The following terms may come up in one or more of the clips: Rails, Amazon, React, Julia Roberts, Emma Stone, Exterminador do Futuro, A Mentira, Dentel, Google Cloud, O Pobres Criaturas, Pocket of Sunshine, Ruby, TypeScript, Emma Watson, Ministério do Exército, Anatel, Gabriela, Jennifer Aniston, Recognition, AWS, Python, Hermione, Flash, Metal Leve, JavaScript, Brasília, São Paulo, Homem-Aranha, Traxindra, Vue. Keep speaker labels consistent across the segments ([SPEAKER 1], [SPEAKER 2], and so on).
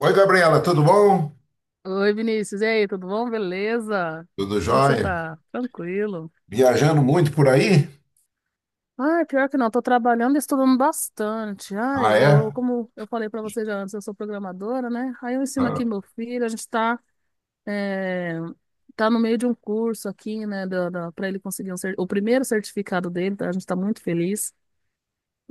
[SPEAKER 1] Oi, Gabriela, tudo bom?
[SPEAKER 2] Oi, Vinícius. E aí, tudo bom? Beleza?
[SPEAKER 1] Tudo
[SPEAKER 2] Como que você
[SPEAKER 1] jóia?
[SPEAKER 2] tá? Tranquilo.
[SPEAKER 1] Viajando muito por aí?
[SPEAKER 2] Ah, pior que não, tô trabalhando e estudando bastante.
[SPEAKER 1] Ah, é?
[SPEAKER 2] Como eu falei pra você já antes, eu sou programadora, né? Aí eu ensino
[SPEAKER 1] Ah,
[SPEAKER 2] aqui meu filho, a gente tá, é, tá no meio de um curso aqui, né, pra ele conseguir o primeiro certificado dele, tá? A gente tá muito feliz.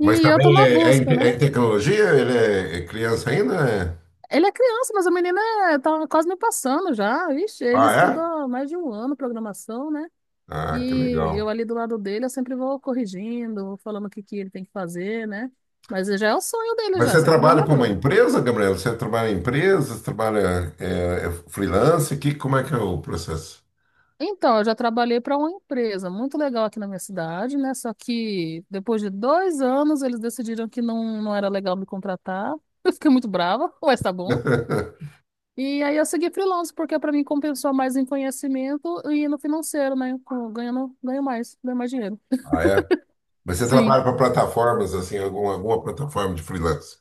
[SPEAKER 1] mas
[SPEAKER 2] eu tô
[SPEAKER 1] também
[SPEAKER 2] na
[SPEAKER 1] é, é em
[SPEAKER 2] busca, né?
[SPEAKER 1] é em tecnologia? Ele é criança ainda? É?
[SPEAKER 2] Ele é criança, mas o menino tá quase me passando já. Ixi, ele
[SPEAKER 1] Ah,
[SPEAKER 2] estuda
[SPEAKER 1] é?
[SPEAKER 2] há mais de um ano programação, né?
[SPEAKER 1] Ah, que
[SPEAKER 2] E
[SPEAKER 1] legal.
[SPEAKER 2] eu ali do lado dele, eu sempre vou corrigindo, vou falando o que que ele tem que fazer, né? Mas já é o sonho dele
[SPEAKER 1] Mas
[SPEAKER 2] já,
[SPEAKER 1] você
[SPEAKER 2] ser
[SPEAKER 1] trabalha para uma
[SPEAKER 2] programador.
[SPEAKER 1] empresa, Gabriela? Você trabalha em empresa? Você trabalha é freelance? Que, como é que é o processo?
[SPEAKER 2] Então, eu já trabalhei para uma empresa muito legal aqui na minha cidade, né? Só que depois de dois anos, eles decidiram que não, não era legal me contratar. Eu fiquei muito brava, mas tá bom. E aí eu segui freelance, porque para mim compensou mais em conhecimento e no financeiro, né? Ganhando, ganho mais dinheiro.
[SPEAKER 1] Ah, é? Mas você
[SPEAKER 2] Sim.
[SPEAKER 1] trabalha para plataformas, assim, alguma plataforma de freelance?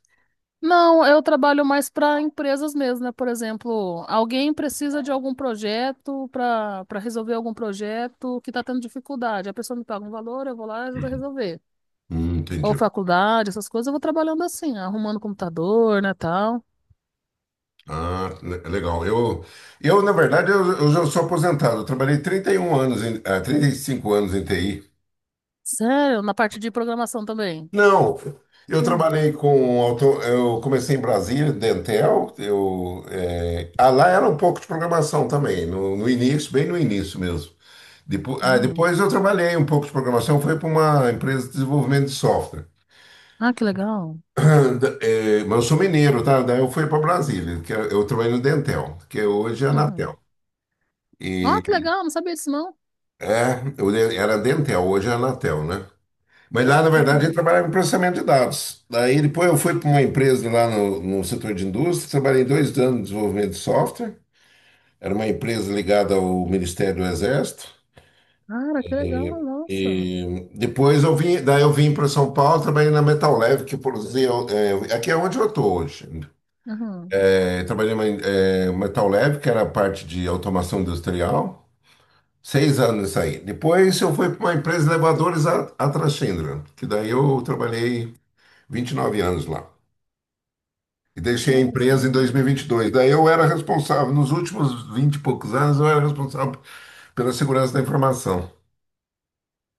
[SPEAKER 2] Não, eu trabalho mais para empresas mesmo, né? Por exemplo, alguém precisa de algum projeto para resolver algum projeto que está tendo dificuldade. A pessoa me paga um valor, eu vou lá e ajudo a resolver.
[SPEAKER 1] Entendi.
[SPEAKER 2] Ou faculdade, essas coisas, eu vou trabalhando assim, arrumando computador, né, tal.
[SPEAKER 1] Ah, legal. Eu na verdade, eu já sou aposentado. Eu trabalhei 31 anos, em, 35 anos em TI.
[SPEAKER 2] Sério, na parte de programação também.
[SPEAKER 1] Não, eu
[SPEAKER 2] Hum,
[SPEAKER 1] trabalhei com auto, eu comecei em Brasília, Dentel. Eu, lá era um pouco de programação também, no início, bem no início mesmo. Depois,
[SPEAKER 2] uhum.
[SPEAKER 1] depois eu trabalhei um pouco de programação, foi para uma empresa de desenvolvimento de software.
[SPEAKER 2] Ah, que legal.
[SPEAKER 1] Mas eu sou mineiro, tá? Daí eu fui para Brasília, que eu trabalhei no Dentel, que hoje é a Anatel.
[SPEAKER 2] Uhum. Ah, que legal, não sabia disso não.
[SPEAKER 1] É, era Dentel, hoje é Anatel, né? Mas lá, na verdade, ele
[SPEAKER 2] Uhum.
[SPEAKER 1] trabalhava em processamento de dados. Daí depois eu fui para uma empresa lá no setor de indústria, trabalhei 2 anos de desenvolvimento de software. Era uma empresa ligada ao Ministério do Exército.
[SPEAKER 2] Cara, que legal, nossa.
[SPEAKER 1] E depois eu vim, daí eu vim para São Paulo, trabalhei na Metal Leve, que produzia, é, aqui é onde eu estou hoje.
[SPEAKER 2] Uhum.
[SPEAKER 1] É, trabalhei na Metal Leve, que era a parte de automação industrial. Seis anos isso aí. Depois eu fui para uma empresa de elevadores, a Traxindra, que daí eu trabalhei 29 anos lá. E deixei a
[SPEAKER 2] Nossa
[SPEAKER 1] empresa em dois
[SPEAKER 2] senhora.
[SPEAKER 1] mil e vinte e dois. Daí eu era responsável, nos últimos 20 e poucos anos, eu era responsável pela segurança da informação.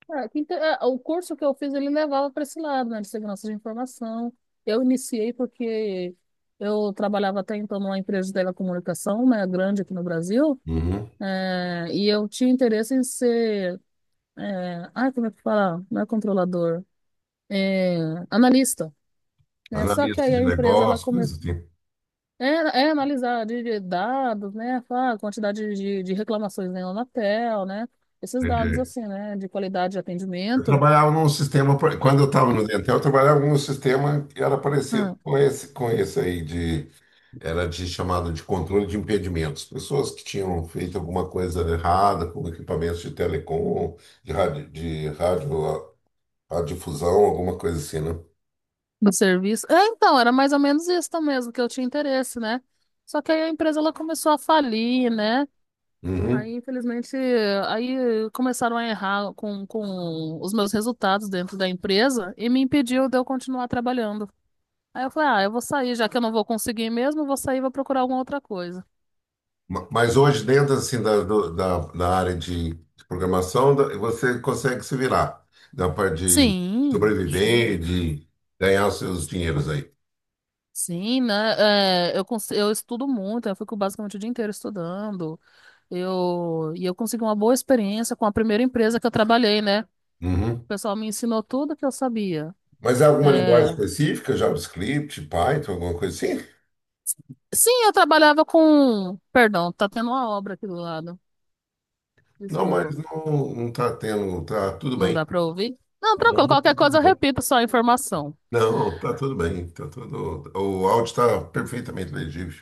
[SPEAKER 2] Ah, o curso que eu fiz, ele levava para esse lado, né, de segurança de informação. Eu iniciei porque eu trabalhava até então numa empresa de telecomunicação, né, grande aqui no Brasil,
[SPEAKER 1] Uhum.
[SPEAKER 2] e eu tinha interesse em ser, ai, como é que fala? Não é controlador, é, analista, né? Só que
[SPEAKER 1] Analista
[SPEAKER 2] aí
[SPEAKER 1] de
[SPEAKER 2] a empresa, ela
[SPEAKER 1] negócios,
[SPEAKER 2] começou,
[SPEAKER 1] coisas assim.
[SPEAKER 2] é, é analisar de dados, né, a quantidade de reclamações na Anatel, né, esses dados,
[SPEAKER 1] Entendi.
[SPEAKER 2] assim, né, de qualidade de
[SPEAKER 1] Eu
[SPEAKER 2] atendimento.
[SPEAKER 1] trabalhava num sistema, quando eu estava no Dentel, eu trabalhava num sistema que era parecido
[SPEAKER 2] Hum.
[SPEAKER 1] com esse aí, de... Era de, chamado de controle de impedimentos. Pessoas que tinham feito alguma coisa errada com equipamentos de telecom, de rádio, radiodifusão, alguma coisa assim, né?
[SPEAKER 2] Do serviço. É, então, era mais ou menos isso mesmo, que eu tinha interesse, né? Só que aí a empresa ela começou a falir, né? Aí,
[SPEAKER 1] Uhum.
[SPEAKER 2] infelizmente, aí começaram a errar com os meus resultados dentro da empresa e me impediu de eu continuar trabalhando. Aí eu falei, ah, eu vou sair, já que eu não vou conseguir mesmo, eu vou sair e vou procurar alguma outra coisa.
[SPEAKER 1] Mas hoje, dentro assim, da área de programação, você consegue se virar. Da parte de
[SPEAKER 2] Sim, sim,
[SPEAKER 1] sobreviver, e de ganhar os seus dinheiros aí.
[SPEAKER 2] sim, né? É, eu estudo muito, eu fico basicamente o dia inteiro estudando. E eu consegui uma boa experiência com a primeira empresa que eu trabalhei, né? O
[SPEAKER 1] Uhum.
[SPEAKER 2] pessoal me ensinou tudo que eu sabia.
[SPEAKER 1] Mas é alguma linguagem
[SPEAKER 2] É...
[SPEAKER 1] específica, JavaScript, Python, alguma coisa assim?
[SPEAKER 2] Sim, eu trabalhava com. Perdão, tá tendo uma obra aqui do lado.
[SPEAKER 1] Não, mas
[SPEAKER 2] Desculpa,
[SPEAKER 1] não, não tá tendo, tá tudo
[SPEAKER 2] não
[SPEAKER 1] bem.
[SPEAKER 2] dá pra ouvir? Não, tranquilo,
[SPEAKER 1] Não, tá
[SPEAKER 2] qualquer
[SPEAKER 1] tudo
[SPEAKER 2] coisa eu
[SPEAKER 1] bem.
[SPEAKER 2] repito só a informação.
[SPEAKER 1] Não, tá tudo bem. Tá tudo... O áudio está perfeitamente legível.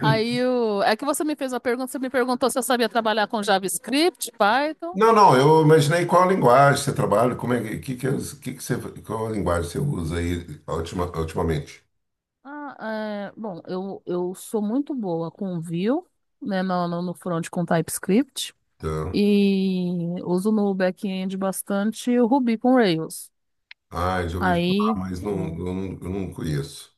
[SPEAKER 2] Aí o... é que você me fez uma pergunta, você me perguntou se eu sabia trabalhar com JavaScript, Python.
[SPEAKER 1] Não, não, eu imaginei qual linguagem você trabalha, como é que, as- que você, qual linguagem você usa aí ultimamente.
[SPEAKER 2] Ah, é... Bom, eu sou muito boa com Vue, né, no no front com TypeScript.
[SPEAKER 1] Então,
[SPEAKER 2] E uso no back-end bastante o Ruby com Rails.
[SPEAKER 1] ah, já ouvi falar,
[SPEAKER 2] Aí.
[SPEAKER 1] mas não,
[SPEAKER 2] É,
[SPEAKER 1] eu não conheço.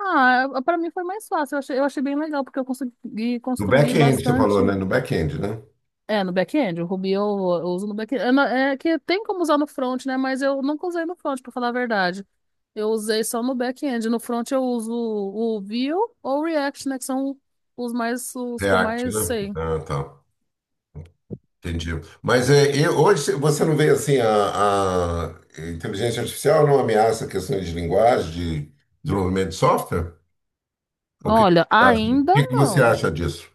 [SPEAKER 2] ah, para mim foi mais fácil. Eu achei bem legal, porque eu consegui
[SPEAKER 1] No
[SPEAKER 2] construir
[SPEAKER 1] back-end você falou,
[SPEAKER 2] bastante.
[SPEAKER 1] né? No back-end, né?
[SPEAKER 2] É, no back-end. O Ruby eu uso no back-end. É, é que tem como usar no front, né? Mas eu nunca usei no front, para falar a verdade. Eu usei só no back-end. No front eu uso o Vue ou o React, né? Que são os mais, os que eu
[SPEAKER 1] React,
[SPEAKER 2] mais
[SPEAKER 1] né?
[SPEAKER 2] sei.
[SPEAKER 1] Ah, tá. Entendi. Mas é, e hoje você não vê assim a inteligência artificial não ameaça questões de linguagem, de desenvolvimento de software? O que que
[SPEAKER 2] Olha,
[SPEAKER 1] você acha, o
[SPEAKER 2] ainda
[SPEAKER 1] que que você
[SPEAKER 2] não.
[SPEAKER 1] acha disso?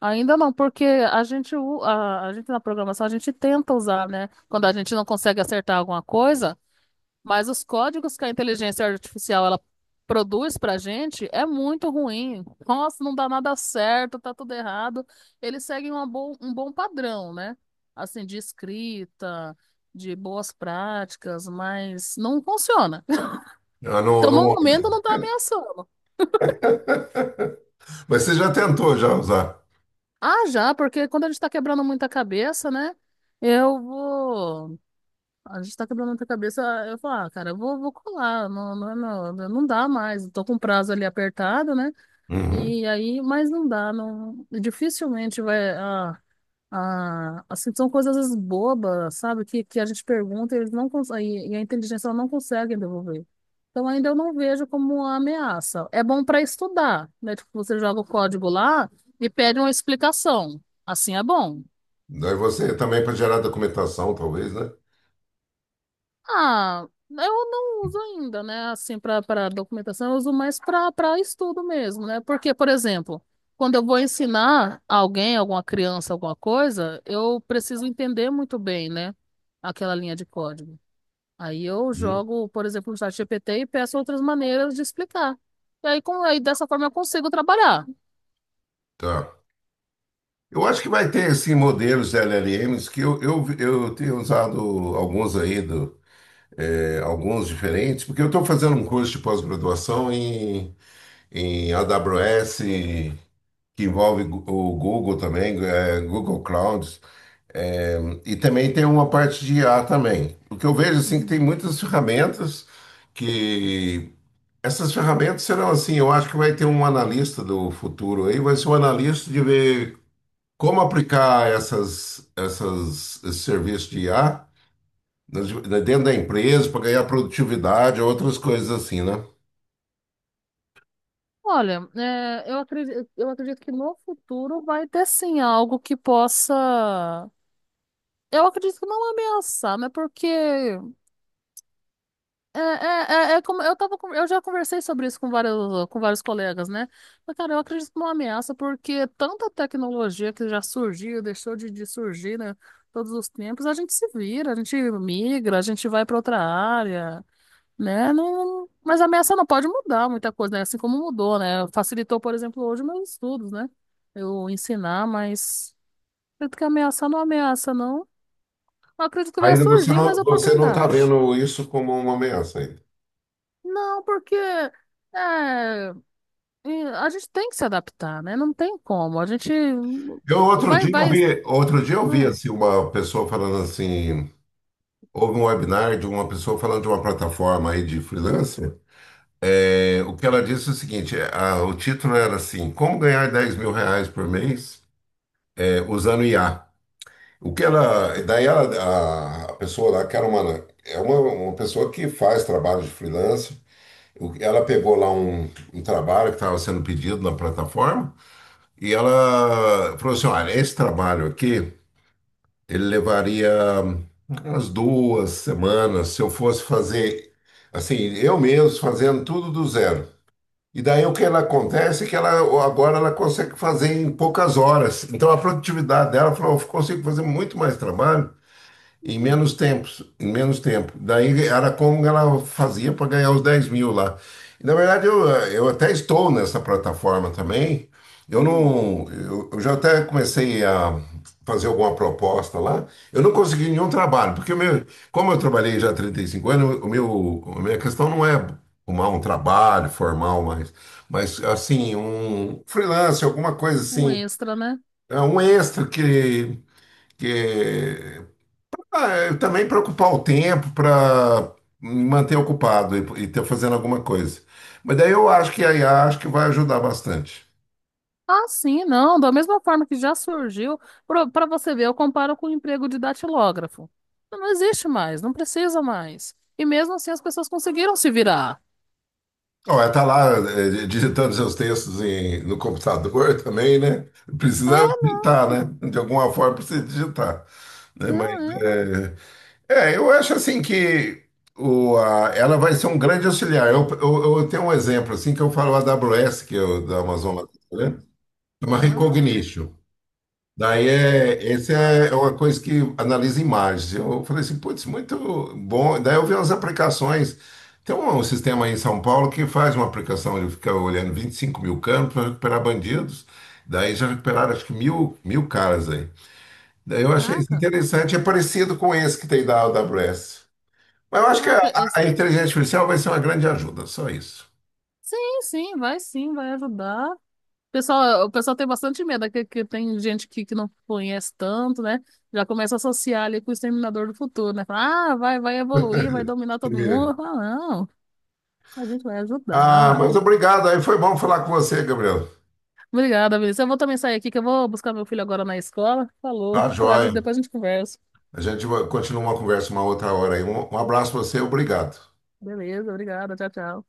[SPEAKER 2] Ainda não, porque a gente na programação, a gente tenta usar, né? Quando a gente não consegue acertar alguma coisa. Mas os códigos que a inteligência artificial ela produz para a gente é muito ruim. Nossa, não dá nada certo, tá tudo errado. Eles seguem um bom padrão, né? Assim, de escrita, de boas práticas, mas não funciona.
[SPEAKER 1] Ah, não,
[SPEAKER 2] Então, no
[SPEAKER 1] não...
[SPEAKER 2] momento, não tá ameaçando.
[SPEAKER 1] Mas você já tentou já usar.
[SPEAKER 2] Ah, já, porque quando a gente tá quebrando muita cabeça, né? Eu vou. A gente tá quebrando muita cabeça. Eu falo, ah, cara, eu vou, vou colar. Não, não, não, não dá mais. Eu tô com o prazo ali apertado, né?
[SPEAKER 1] Uhum.
[SPEAKER 2] E aí, mas não dá, não, dificilmente vai, ah, ah, assim, são coisas às vezes bobas, sabe, que a gente pergunta e eles não conseguem, e a inteligência ela não consegue devolver. Então ainda eu não vejo como uma ameaça. É bom para estudar, né, tipo, você joga o código lá e pede uma explicação, assim é bom.
[SPEAKER 1] Daí você também para gerar documentação, talvez, né?
[SPEAKER 2] Ah, eu não uso ainda, né? Assim, para documentação, eu uso mais para estudo mesmo, né? Porque, por exemplo, quando eu vou ensinar alguém, alguma criança, alguma coisa, eu preciso entender muito bem, né? Aquela linha de código. Aí eu
[SPEAKER 1] Uhum.
[SPEAKER 2] jogo, por exemplo, no chat GPT e peço outras maneiras de explicar. E aí, dessa forma, eu consigo trabalhar.
[SPEAKER 1] Tá. Eu acho que vai ter, assim, modelos de LLMs que eu tenho usado alguns aí, do, é, alguns diferentes, porque eu estou fazendo um curso de pós-graduação em, em AWS, que envolve o Google também, é, Google Cloud. É, e também tem uma parte de IA também. O que eu vejo assim é que tem muitas ferramentas que essas ferramentas serão assim, eu acho que vai ter um analista do futuro aí, vai ser um analista de ver como aplicar essas esse serviço de IA né, dentro da empresa para ganhar produtividade, outras coisas assim, né?
[SPEAKER 2] Olha, é, eu acredito que no futuro vai ter sim algo que possa. Eu acredito que não ameaçar, mas porque é como eu tava, eu já conversei sobre isso com vários colegas, né? Mas, cara, eu acredito que não ameaça, porque tanta tecnologia que já surgiu, deixou de surgir, né? Todos os tempos, a gente se vira, a gente migra, a gente vai para outra área, né? Não, mas a ameaça não pode mudar muita coisa, né? Assim como mudou, né? Facilitou, por exemplo, hoje meus estudos, né? Eu ensinar, mas acredito que ameaçar não é ameaça, não. Não acredito que vai
[SPEAKER 1] Ainda você
[SPEAKER 2] surgir
[SPEAKER 1] não,
[SPEAKER 2] mais
[SPEAKER 1] você não está
[SPEAKER 2] oportunidade.
[SPEAKER 1] vendo isso como uma ameaça ainda.
[SPEAKER 2] Não, porque é, e a gente tem que se adaptar, né? Não tem como. A gente
[SPEAKER 1] Eu outro
[SPEAKER 2] vai,
[SPEAKER 1] dia eu
[SPEAKER 2] vai,
[SPEAKER 1] vi, outro dia eu vi
[SPEAKER 2] hum,
[SPEAKER 1] assim uma pessoa falando assim... Houve um webinar de uma pessoa falando de uma plataforma aí de freelancer. É, o que ela disse é o seguinte: é, o título era assim, como ganhar R$ 10.000 por mês, é, usando IA. O que ela, daí ela, a pessoa lá, que era uma pessoa que faz trabalho de freelancer, ela pegou lá um trabalho que estava sendo pedido na plataforma, e ela falou assim: olha, esse trabalho aqui ele levaria umas 2 semanas se eu fosse fazer assim, eu mesmo fazendo tudo do zero. E daí o que ela acontece é que ela agora ela consegue fazer em poucas horas. Então a produtividade dela, falou, eu consigo fazer muito mais trabalho em menos tempo, em menos tempo. Daí era como ela fazia para ganhar os 10 mil lá. E, na verdade, eu até estou nessa plataforma também. Eu
[SPEAKER 2] hum,
[SPEAKER 1] não. Eu já até comecei a fazer alguma proposta lá. Eu não consegui nenhum trabalho, porque o meu, como eu trabalhei já há 35 anos, o meu, a minha questão não é arrumar um trabalho formal, mas assim, um freelance, alguma coisa
[SPEAKER 2] um
[SPEAKER 1] assim,
[SPEAKER 2] extra, né?
[SPEAKER 1] é um extra que ah, eu também para ocupar o tempo, para me manter ocupado e ter fazendo alguma coisa. Mas daí eu acho que a IA acho que vai ajudar bastante.
[SPEAKER 2] Ah, sim, não. Da mesma forma que já surgiu, para você ver, eu comparo com o emprego de datilógrafo. Não existe mais, não precisa mais. E mesmo assim as pessoas conseguiram se virar.
[SPEAKER 1] Ó, ela tá lá digitando seus textos no computador também, né?
[SPEAKER 2] É,
[SPEAKER 1] Precisa
[SPEAKER 2] não,
[SPEAKER 1] digitar, né? De alguma forma precisa digitar. Né? Mas
[SPEAKER 2] não é.
[SPEAKER 1] é, é, eu acho assim que ela vai ser um grande auxiliar. Eu tenho um exemplo assim que eu falo a AWS, que é o da Amazon lá, né? Chama
[SPEAKER 2] Aham.
[SPEAKER 1] Recognition. Daí é, essa é é uma coisa que analisa imagens. Eu falei assim, putz, muito bom. Daí eu vi umas aplicações. Tem um sistema aí em São Paulo que faz uma aplicação, ele fica olhando 25 mil campos para recuperar bandidos. Daí já recuperaram acho que mil, mil caras aí. Daí eu achei isso
[SPEAKER 2] Caraca,
[SPEAKER 1] interessante, é parecido com esse que tem da AWS. Mas eu acho que
[SPEAKER 2] caraca, esse-
[SPEAKER 1] a inteligência artificial vai ser uma grande ajuda, só isso.
[SPEAKER 2] Sim, sim, vai ajudar. O pessoal tem bastante medo, é que tem gente que não conhece tanto, né? Já começa a associar ali com o Exterminador do Futuro, né? Fala, ah, vai, vai evoluir, vai dominar todo mundo. Ah, não, a gente vai
[SPEAKER 1] Ah,
[SPEAKER 2] ajudar.
[SPEAKER 1] mas obrigado, aí foi bom falar com você, Gabriel.
[SPEAKER 2] Obrigada, Vinícius. Eu vou também sair aqui, que eu vou buscar meu filho agora na escola. Falou.
[SPEAKER 1] Tá joia.
[SPEAKER 2] Depois a gente conversa.
[SPEAKER 1] A gente vai continuar uma conversa uma outra hora aí. Um abraço para você, obrigado.
[SPEAKER 2] Beleza, obrigada. Tchau, tchau.